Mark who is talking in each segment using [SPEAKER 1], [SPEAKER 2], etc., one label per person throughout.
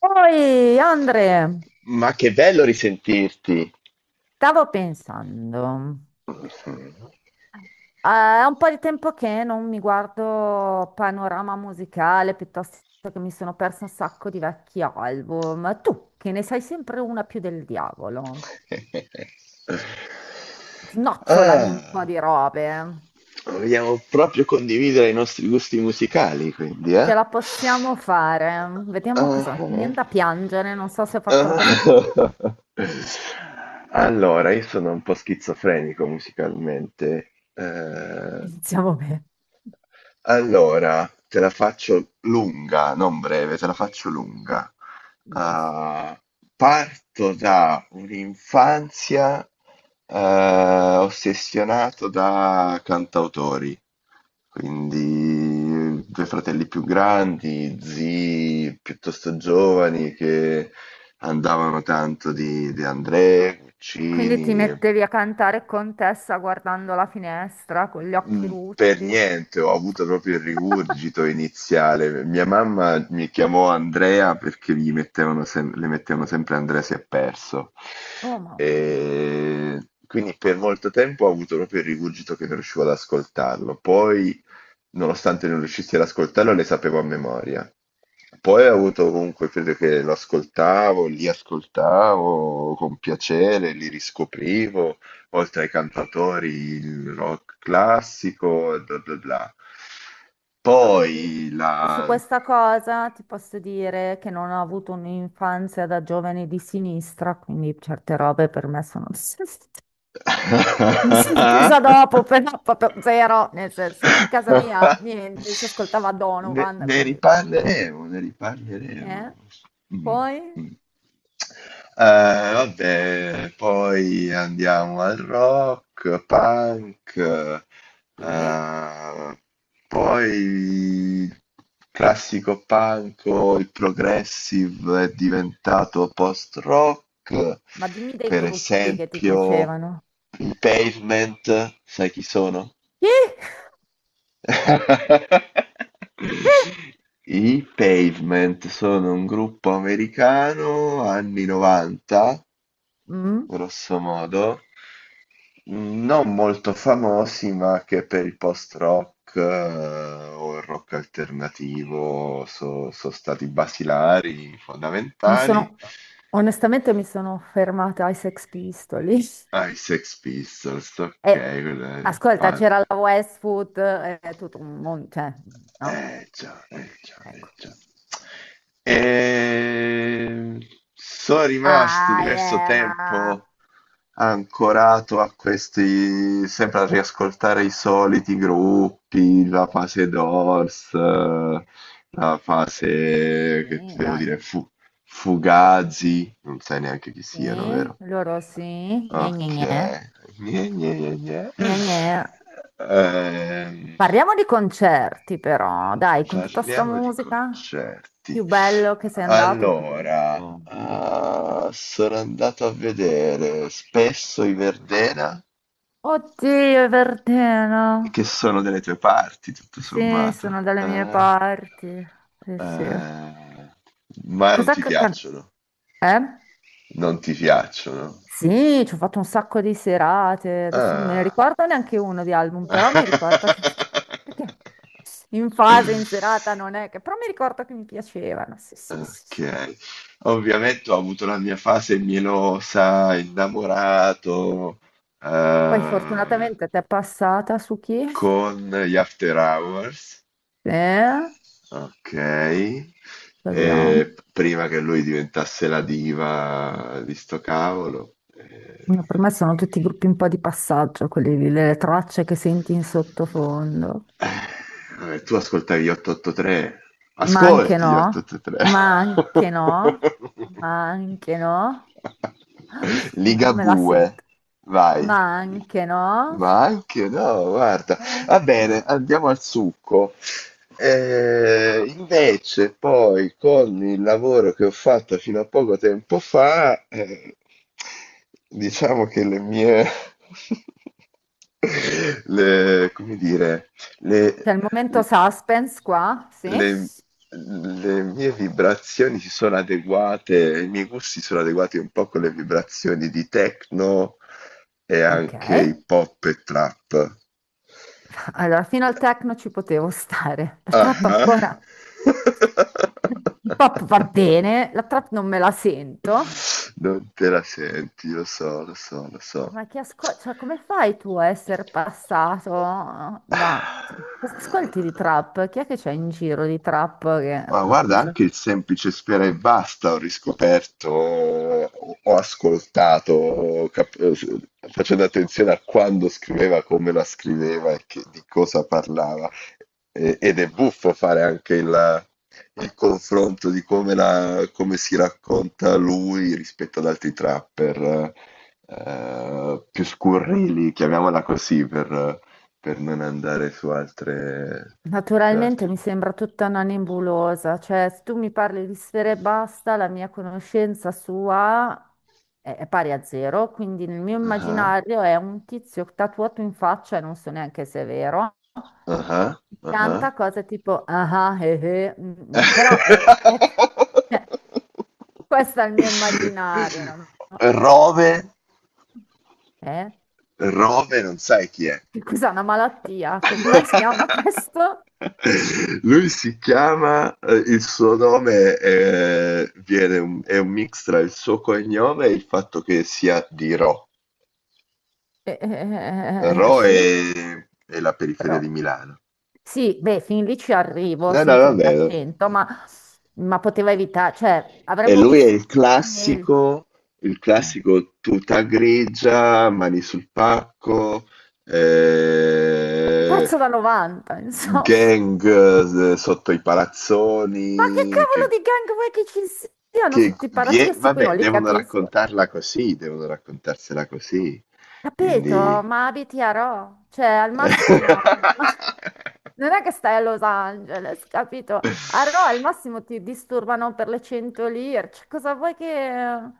[SPEAKER 1] Poi, Andre,
[SPEAKER 2] Ma che bello risentirti!
[SPEAKER 1] stavo pensando, eh, è un po' di tempo che non mi guardo panorama musicale, piuttosto che mi sono perso un sacco di vecchi album. Tu, che ne sai sempre una più del diavolo, snocciolami un po'
[SPEAKER 2] Ah,
[SPEAKER 1] di robe.
[SPEAKER 2] vogliamo proprio condividere i nostri gusti musicali, quindi, eh?
[SPEAKER 1] Ce la possiamo fare. Vediamo cosa. Mi
[SPEAKER 2] Ah,
[SPEAKER 1] viene da piangere, non so se ho fatto la cosa che...
[SPEAKER 2] ah. Allora, io sono un po' schizofrenico musicalmente.
[SPEAKER 1] Iniziamo bene.
[SPEAKER 2] Allora, te la faccio lunga, non breve, te la faccio lunga. Ah, parto da un'infanzia eh, ossessionato da cantautori, quindi due fratelli più grandi, zii piuttosto giovani che andavano tanto di De André,
[SPEAKER 1] Quindi ti
[SPEAKER 2] Guccini.
[SPEAKER 1] mettevi a cantare Contessa guardando la finestra con gli occhi
[SPEAKER 2] Mm. Per
[SPEAKER 1] lucidi.
[SPEAKER 2] niente, ho avuto proprio il rigurgito iniziale. Mia mamma mi chiamò Andrea perché le mettevano sempre Andrea si è perso.
[SPEAKER 1] Oh mamma mia.
[SPEAKER 2] E quindi per molto tempo ho avuto proprio il rigurgito che non riuscivo ad ascoltarlo. Poi nonostante non riuscissi ad ascoltarlo, le sapevo a memoria. Poi ho avuto comunque fede che lo ascoltavo, li ascoltavo con piacere, li riscoprivo, oltre ai cantatori il rock classico e bla bla bla. Poi
[SPEAKER 1] Io-
[SPEAKER 2] la.
[SPEAKER 1] Su questa cosa ti posso dire che non ho avuto un'infanzia da giovane di sinistra, quindi certe robe per me sono mi sono presa dopo, però proprio zero, nel senso, a casa mia niente, si ascoltava
[SPEAKER 2] Ne,
[SPEAKER 1] Donovan,
[SPEAKER 2] ne
[SPEAKER 1] quindi...
[SPEAKER 2] riparleremo, ne riparleremo.
[SPEAKER 1] eh?
[SPEAKER 2] Mm,
[SPEAKER 1] Poi?
[SPEAKER 2] mm. Vabbè, poi andiamo al rock, punk,
[SPEAKER 1] Sì?
[SPEAKER 2] ehm, poi il classico punk o il progressive è diventato post-rock,
[SPEAKER 1] Ma dimmi dei
[SPEAKER 2] per
[SPEAKER 1] gruppi che ti
[SPEAKER 2] esempio
[SPEAKER 1] piacevano.
[SPEAKER 2] i Pavement, sai chi sono?
[SPEAKER 1] Chi? Chi?
[SPEAKER 2] I Pavement sono un gruppo americano anni 90
[SPEAKER 1] Mm.
[SPEAKER 2] grosso modo, non molto famosi, ma che per il post-rock o il rock alternativo sono stati basilari,
[SPEAKER 1] Mi
[SPEAKER 2] fondamentali.
[SPEAKER 1] sono, onestamente mi sono fermata ai Sex Pistols.
[SPEAKER 2] Ah, i Sex Pistols, ok,
[SPEAKER 1] E,
[SPEAKER 2] quello è il
[SPEAKER 1] ascolta, c'era
[SPEAKER 2] punk.
[SPEAKER 1] la Westwood, è tutto un mondo, cioè, no?
[SPEAKER 2] Eh già, eh già, eh
[SPEAKER 1] Ecco.
[SPEAKER 2] già. E. Sono rimasto
[SPEAKER 1] Ah,
[SPEAKER 2] diverso
[SPEAKER 1] ma...
[SPEAKER 2] tempo ancorato a questi, sempre a riascoltare i soliti gruppi, la fase Doors, la fase che
[SPEAKER 1] Sì,
[SPEAKER 2] ti devo
[SPEAKER 1] dai.
[SPEAKER 2] dire, Fugazi, non sai neanche chi
[SPEAKER 1] Sì,
[SPEAKER 2] siano, vero?
[SPEAKER 1] loro sì. Gne, gne,
[SPEAKER 2] Ok,
[SPEAKER 1] gne.
[SPEAKER 2] gne, gne, gne, gne.
[SPEAKER 1] Gne, gne.
[SPEAKER 2] Ehm,
[SPEAKER 1] Parliamo di concerti, però, dai, con tutta sta
[SPEAKER 2] Parliamo di
[SPEAKER 1] musica.
[SPEAKER 2] concerti.
[SPEAKER 1] Più bello che sei andato, più
[SPEAKER 2] Allora,
[SPEAKER 1] brutto.
[SPEAKER 2] ah, sono andato a vedere spesso i Verdena.
[SPEAKER 1] Oddio, è Verdena.
[SPEAKER 2] E che sono delle tue parti, tutto
[SPEAKER 1] Sì, sono
[SPEAKER 2] sommato.
[SPEAKER 1] dalle mie
[SPEAKER 2] Eh?
[SPEAKER 1] parti. Sì, sì.
[SPEAKER 2] Eh, ma non
[SPEAKER 1] Cos'è
[SPEAKER 2] ti
[SPEAKER 1] che...
[SPEAKER 2] piacciono.
[SPEAKER 1] Eh?
[SPEAKER 2] Non ti piacciono.
[SPEAKER 1] Sì, ci ho fatto un sacco di serate. Adesso non me ne
[SPEAKER 2] Ah.
[SPEAKER 1] ricordo neanche uno di album, però mi ricordo che... Perché in fase, in serata non è che... Però mi ricordo che mi piacevano. Sì, sì, sì, sì.
[SPEAKER 2] Ok. Ovviamente ho avuto la mia fase mielosa, innamorato,
[SPEAKER 1] Poi
[SPEAKER 2] eh,
[SPEAKER 1] fortunatamente ti è passata su chi? Sì,
[SPEAKER 2] con gli After Hours.
[SPEAKER 1] ce
[SPEAKER 2] Ok.
[SPEAKER 1] li ho.
[SPEAKER 2] E prima che lui diventasse la diva di sto cavolo,
[SPEAKER 1] No, per me sono tutti gruppi un po' di passaggio, quelli lì, le tracce che senti in sottofondo.
[SPEAKER 2] vabbè. Vabbè, tu ascoltavi gli 883.
[SPEAKER 1] Ma anche
[SPEAKER 2] Ascolti gli
[SPEAKER 1] no,
[SPEAKER 2] 883.
[SPEAKER 1] ma anche no, ma anche no, non me la
[SPEAKER 2] Ligabue,
[SPEAKER 1] sento,
[SPEAKER 2] vai.
[SPEAKER 1] ma anche no,
[SPEAKER 2] Ma anche no, guarda.
[SPEAKER 1] ma
[SPEAKER 2] Va
[SPEAKER 1] anche
[SPEAKER 2] bene,
[SPEAKER 1] no.
[SPEAKER 2] andiamo al succo. Invece, poi con il lavoro che ho fatto fino a poco tempo fa, diciamo che le mie, come dire, le,
[SPEAKER 1] C'è il momento suspense qua, sì?
[SPEAKER 2] le, le mie vibrazioni si sono adeguate, i miei gusti sono adeguati un po' con le vibrazioni di techno e
[SPEAKER 1] Ok,
[SPEAKER 2] anche hip hop e trap.
[SPEAKER 1] allora fino al techno ci potevo stare, la
[SPEAKER 2] Ah,
[SPEAKER 1] trap
[SPEAKER 2] ah.
[SPEAKER 1] ancora, il pop va bene, la trap non me la sento.
[SPEAKER 2] Non te la senti, lo so, lo so, lo so.
[SPEAKER 1] Ma che ascolti, cioè, come fai tu a essere passato da... Cosa ascolti di
[SPEAKER 2] Ah.
[SPEAKER 1] trap? Chi è che c'è in giro di trap?
[SPEAKER 2] Ma guarda,
[SPEAKER 1] Cosa-
[SPEAKER 2] anche il semplice Sfera e Basta ho riscoperto, ho ascoltato, facendo attenzione a quando scriveva, come la scriveva e di cosa parlava. Ed è buffo fare anche il confronto di come si racconta lui rispetto ad altri trapper, più scurrili, chiamiamola così, per, non andare su altre. Su
[SPEAKER 1] Naturalmente
[SPEAKER 2] altri.
[SPEAKER 1] mi sembra tutta una nebulosa, cioè se tu mi parli di sfere e basta, la mia conoscenza sua è pari a zero, quindi nel mio
[SPEAKER 2] Ah.
[SPEAKER 1] immaginario è un tizio tatuato in faccia e non so neanche se è vero.
[SPEAKER 2] Ah-ah, ah-ah.
[SPEAKER 1] Canta cose tipo ah ah, mm, mm, però è, questo è il mio immaginario, no?
[SPEAKER 2] Rove
[SPEAKER 1] Eh?
[SPEAKER 2] Rove non sai chi è.
[SPEAKER 1] Che cos'è una malattia? Come si chiama questo?
[SPEAKER 2] Lui si chiama il suo nome, viene un è un mix tra il suo cognome e il fatto che sia di Ro. Ro
[SPEAKER 1] Sì,
[SPEAKER 2] è la periferia
[SPEAKER 1] però...
[SPEAKER 2] di Milano.
[SPEAKER 1] Sì, beh, fin lì ci arrivo,
[SPEAKER 2] No, no,
[SPEAKER 1] senti il mio
[SPEAKER 2] vabbè.
[SPEAKER 1] accento, ma poteva evitare, cioè,
[SPEAKER 2] E
[SPEAKER 1] avremmo
[SPEAKER 2] lui è
[SPEAKER 1] vissuto tutti meglio.
[SPEAKER 2] il
[SPEAKER 1] Eh,
[SPEAKER 2] classico tuta grigia, mani sul pacco,
[SPEAKER 1] Un
[SPEAKER 2] eh,
[SPEAKER 1] pezzo da 90, insomma.
[SPEAKER 2] gang sotto i
[SPEAKER 1] Ma che
[SPEAKER 2] palazzoni,
[SPEAKER 1] cavolo di gang vuoi che ci siano
[SPEAKER 2] che
[SPEAKER 1] sotto i palazzi? Io sì, qui
[SPEAKER 2] vabbè,
[SPEAKER 1] non li
[SPEAKER 2] devono
[SPEAKER 1] capisco.
[SPEAKER 2] raccontarla così, devono raccontarsela così.
[SPEAKER 1] Capito?
[SPEAKER 2] Quindi.
[SPEAKER 1] Ma abiti a Rho, cioè al massimo non è che stai a Los Angeles, capito? A Rho al massimo ti disturbano per le 100 lire, cioè, cosa vuoi che...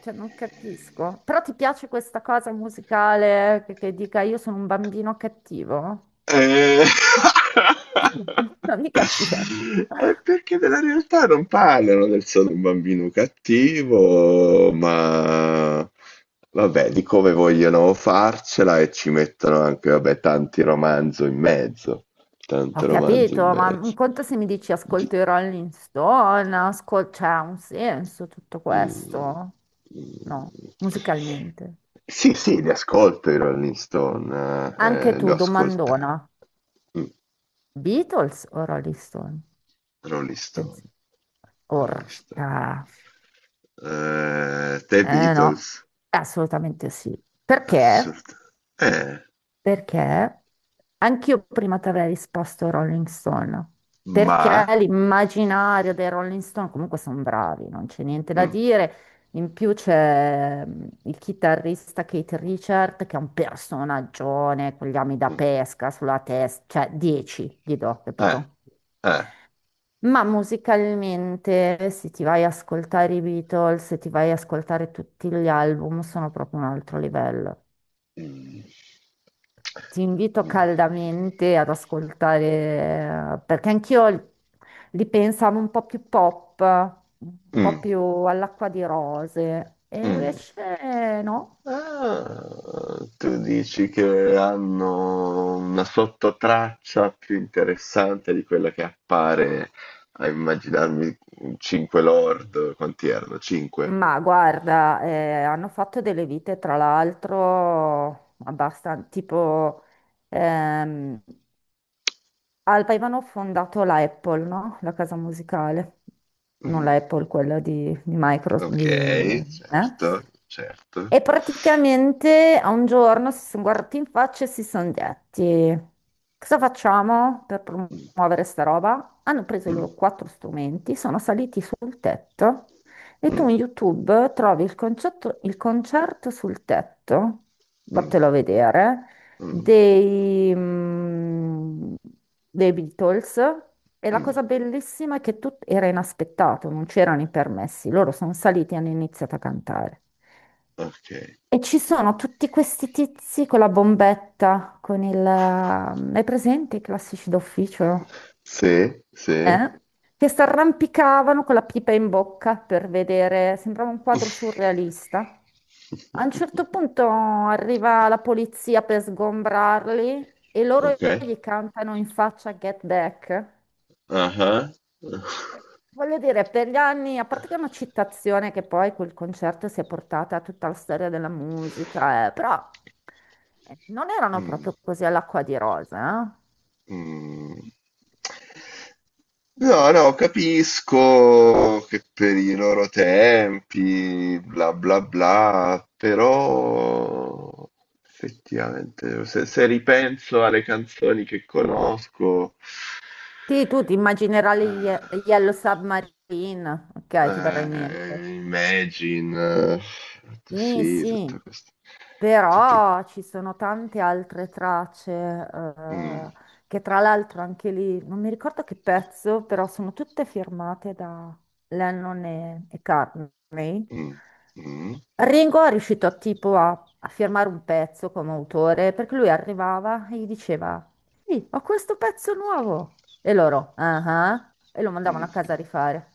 [SPEAKER 1] Cioè, non capisco. Però ti piace questa cosa musicale che dica io sono un bambino cattivo?
[SPEAKER 2] Eh,
[SPEAKER 1] Non mi capire.
[SPEAKER 2] È perché della realtà non parlano del sono un bambino cattivo, ma vabbè, di come vogliono farcela e ci mettono anche, vabbè, tanti romanzo in mezzo,
[SPEAKER 1] Ho
[SPEAKER 2] tanto romanzo in
[SPEAKER 1] capito, ma
[SPEAKER 2] mezzo.
[SPEAKER 1] un conto se mi dici
[SPEAKER 2] Di-
[SPEAKER 1] ascolto i Rolling Stone, cioè ha un senso tutto
[SPEAKER 2] mm,
[SPEAKER 1] questo? No,
[SPEAKER 2] mm.
[SPEAKER 1] musicalmente.
[SPEAKER 2] Sì, sì, li ascolto i Rolling Stone,
[SPEAKER 1] Anche
[SPEAKER 2] li ho
[SPEAKER 1] tu,
[SPEAKER 2] ascoltati.
[SPEAKER 1] domandona,
[SPEAKER 2] Mm,
[SPEAKER 1] Beatles o Rolling Stone?
[SPEAKER 2] Rolling
[SPEAKER 1] Attenz-
[SPEAKER 2] Stone, Rolling Stone.
[SPEAKER 1] Orca.
[SPEAKER 2] The
[SPEAKER 1] Eh
[SPEAKER 2] Beatles,
[SPEAKER 1] no, assolutamente sì. Perché?
[SPEAKER 2] assolutamente. Eh,
[SPEAKER 1] Perché anch'io prima ti avrei risposto Rolling Stone, perché
[SPEAKER 2] ma.
[SPEAKER 1] l'immaginario dei Rolling Stone comunque sono bravi, non c'è niente da
[SPEAKER 2] Mm,
[SPEAKER 1] dire. In più c'è il chitarrista Keith Richard che è un personaggione con gli ami da
[SPEAKER 2] mm,
[SPEAKER 1] pesca sulla testa, cioè 10 gli do,
[SPEAKER 2] eh,
[SPEAKER 1] capito?
[SPEAKER 2] eh.
[SPEAKER 1] Ma musicalmente, se ti vai a ascoltare i Beatles, se ti vai a ascoltare tutti gli album, sono proprio un altro livello.
[SPEAKER 2] Mm,
[SPEAKER 1] Ti invito
[SPEAKER 2] mm,
[SPEAKER 1] caldamente ad ascoltare, perché anch'io li pensavo un po' più pop, un po'
[SPEAKER 2] mm,
[SPEAKER 1] più all'acqua di rose, e
[SPEAKER 2] mm.
[SPEAKER 1] invece no.
[SPEAKER 2] Ah, tu dici che hanno una sottotraccia più interessante di quella che appare a immaginarmi 5 lord, quanti erano? 5.
[SPEAKER 1] Ma guarda, hanno fatto delle vite, tra l'altro, abbastanza, tipo, ehm, avevano fondato la Apple, no? La casa musicale, non la Apple, quella di Microsoft,
[SPEAKER 2] Ok,
[SPEAKER 1] eh?
[SPEAKER 2] certo, certo.
[SPEAKER 1] E praticamente a un giorno si sono guardati in faccia e si sono detti: cosa facciamo per
[SPEAKER 2] Mm,
[SPEAKER 1] promuovere sta roba? Hanno preso i
[SPEAKER 2] mm,
[SPEAKER 1] loro quattro strumenti, sono saliti sul tetto e
[SPEAKER 2] mm.
[SPEAKER 1] tu in YouTube trovi il il concerto sul tetto,
[SPEAKER 2] Mm,
[SPEAKER 1] vattelo a vedere,
[SPEAKER 2] mm,
[SPEAKER 1] dei, mm, dei Beatles. E la
[SPEAKER 2] mm.
[SPEAKER 1] cosa bellissima è che tutto era inaspettato, non c'erano i permessi, loro sono saliti e hanno iniziato a cantare.
[SPEAKER 2] Ok.
[SPEAKER 1] E ci sono tutti questi tizi con la bombetta, con il... Hai presente i classici d'ufficio?
[SPEAKER 2] Sì, sì.
[SPEAKER 1] Eh? Che si arrampicavano con la pipa in bocca per vedere, sembrava un quadro surrealista. A un certo punto arriva la polizia per sgombrarli e loro
[SPEAKER 2] Ok.
[SPEAKER 1] gli cantano in faccia Get Back.
[SPEAKER 2] Ah ah.
[SPEAKER 1] Eh, Voglio dire, per gli anni, a parte che è una citazione che poi quel concerto si è portata a tutta la storia della musica, però non erano
[SPEAKER 2] Mm,
[SPEAKER 1] proprio così all'acqua di rosa.
[SPEAKER 2] mm.
[SPEAKER 1] Eh.
[SPEAKER 2] No, no, capisco che per i loro tempi, bla bla bla, però effettivamente se ripenso alle canzoni che conosco.
[SPEAKER 1] Sì, tu ti immaginerai Yellow Submarine, ok, ti verrà in mente.
[SPEAKER 2] Imagine,
[SPEAKER 1] Sì,
[SPEAKER 2] sì, tutto
[SPEAKER 1] sì,
[SPEAKER 2] questo, tutto,
[SPEAKER 1] però ci sono tante altre tracce,
[SPEAKER 2] mm,
[SPEAKER 1] che tra l'altro anche lì, non mi ricordo che pezzo, però sono tutte firmate da Lennon e Cartney.
[SPEAKER 2] mm, mm,
[SPEAKER 1] Ringo è riuscito tipo a firmare un pezzo come autore, perché lui arrivava e gli diceva: sì, ho questo pezzo nuovo. E loro, ah ah, e lo mandavano a casa a
[SPEAKER 2] mm.
[SPEAKER 1] rifare.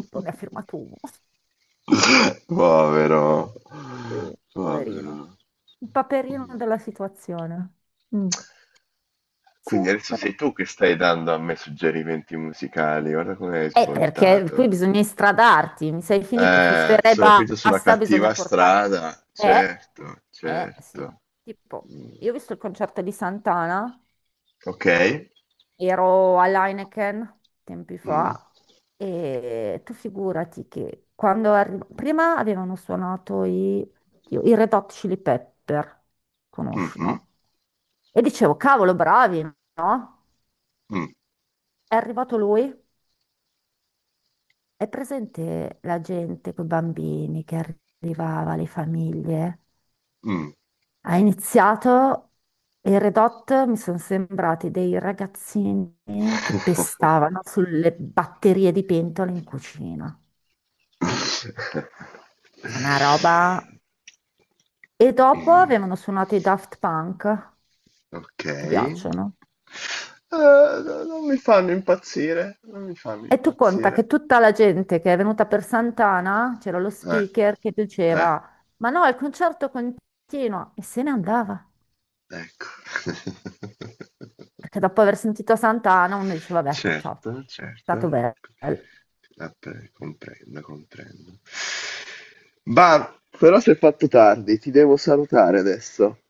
[SPEAKER 1] Tipo, ne ha firmato uno.
[SPEAKER 2] Povero,
[SPEAKER 1] Sì,
[SPEAKER 2] povero.
[SPEAKER 1] poverino. Il paperino della situazione. Mm. Sì,
[SPEAKER 2] Quindi adesso
[SPEAKER 1] però-
[SPEAKER 2] sei tu che stai dando a me suggerimenti musicali, guarda come hai
[SPEAKER 1] eh, perché qui
[SPEAKER 2] svoltato.
[SPEAKER 1] bisogna istradarti, mi sei finito su ste re
[SPEAKER 2] Sono finito sulla
[SPEAKER 1] basta, bisogna
[SPEAKER 2] cattiva
[SPEAKER 1] portarti.
[SPEAKER 2] strada,
[SPEAKER 1] Eh,
[SPEAKER 2] certo,
[SPEAKER 1] sì.
[SPEAKER 2] certo.
[SPEAKER 1] Tipo,
[SPEAKER 2] Mm,
[SPEAKER 1] io ho visto il concerto di Santana,
[SPEAKER 2] ok.
[SPEAKER 1] ero all'Heineken tempi
[SPEAKER 2] Mm,
[SPEAKER 1] fa, e tu figurati che quando prima avevano suonato i, oddio, i Red Hot Chili Pepper, conosci,
[SPEAKER 2] mhm.
[SPEAKER 1] no? E dicevo, cavolo, bravi, no?
[SPEAKER 2] Mm,
[SPEAKER 1] È arrivato lui. È presente la gente con i bambini che arrivava, le famiglie?
[SPEAKER 2] mm.
[SPEAKER 1] Ha iniziato e i Redot mi sono sembrati dei ragazzini che pestavano sulle batterie di pentole in cucina. C'è una roba. E dopo avevano
[SPEAKER 2] Mm,
[SPEAKER 1] suonato i Daft Punk.
[SPEAKER 2] ok.
[SPEAKER 1] Ti piacciono?
[SPEAKER 2] No, non mi fanno impazzire, non mi fanno
[SPEAKER 1] E tu conta che
[SPEAKER 2] impazzire.
[SPEAKER 1] tutta la gente che è venuta per Sant'Ana, c'era lo
[SPEAKER 2] Eh,
[SPEAKER 1] speaker che
[SPEAKER 2] eh,
[SPEAKER 1] diceva: ma no, il concerto continua, e se ne andava.
[SPEAKER 2] ecco.
[SPEAKER 1] Perché dopo aver sentito Sant'Anna uno dice, vabbè, ciao,
[SPEAKER 2] Certo,
[SPEAKER 1] è stato
[SPEAKER 2] certo.
[SPEAKER 1] bello.
[SPEAKER 2] Vabbè, comprendo, comprendo. Bah, però si è fatto tardi, ti devo salutare adesso.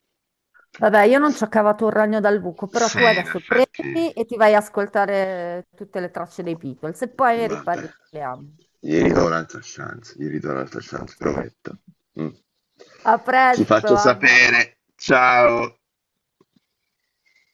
[SPEAKER 1] Vabbè, io non ci ho cavato un ragno dal buco, però
[SPEAKER 2] Sì,
[SPEAKER 1] tu
[SPEAKER 2] in
[SPEAKER 1] adesso
[SPEAKER 2] effetti.
[SPEAKER 1] prendi e ti vai a ascoltare tutte le tracce dei Beatles e poi ne
[SPEAKER 2] Vabbè,
[SPEAKER 1] riparliamo.
[SPEAKER 2] gli ridò un'altra chance, gli ridò un'altra chance, prometto. Mm.
[SPEAKER 1] A
[SPEAKER 2] Ti
[SPEAKER 1] presto,
[SPEAKER 2] faccio
[SPEAKER 1] Andrea.
[SPEAKER 2] sapere, ciao!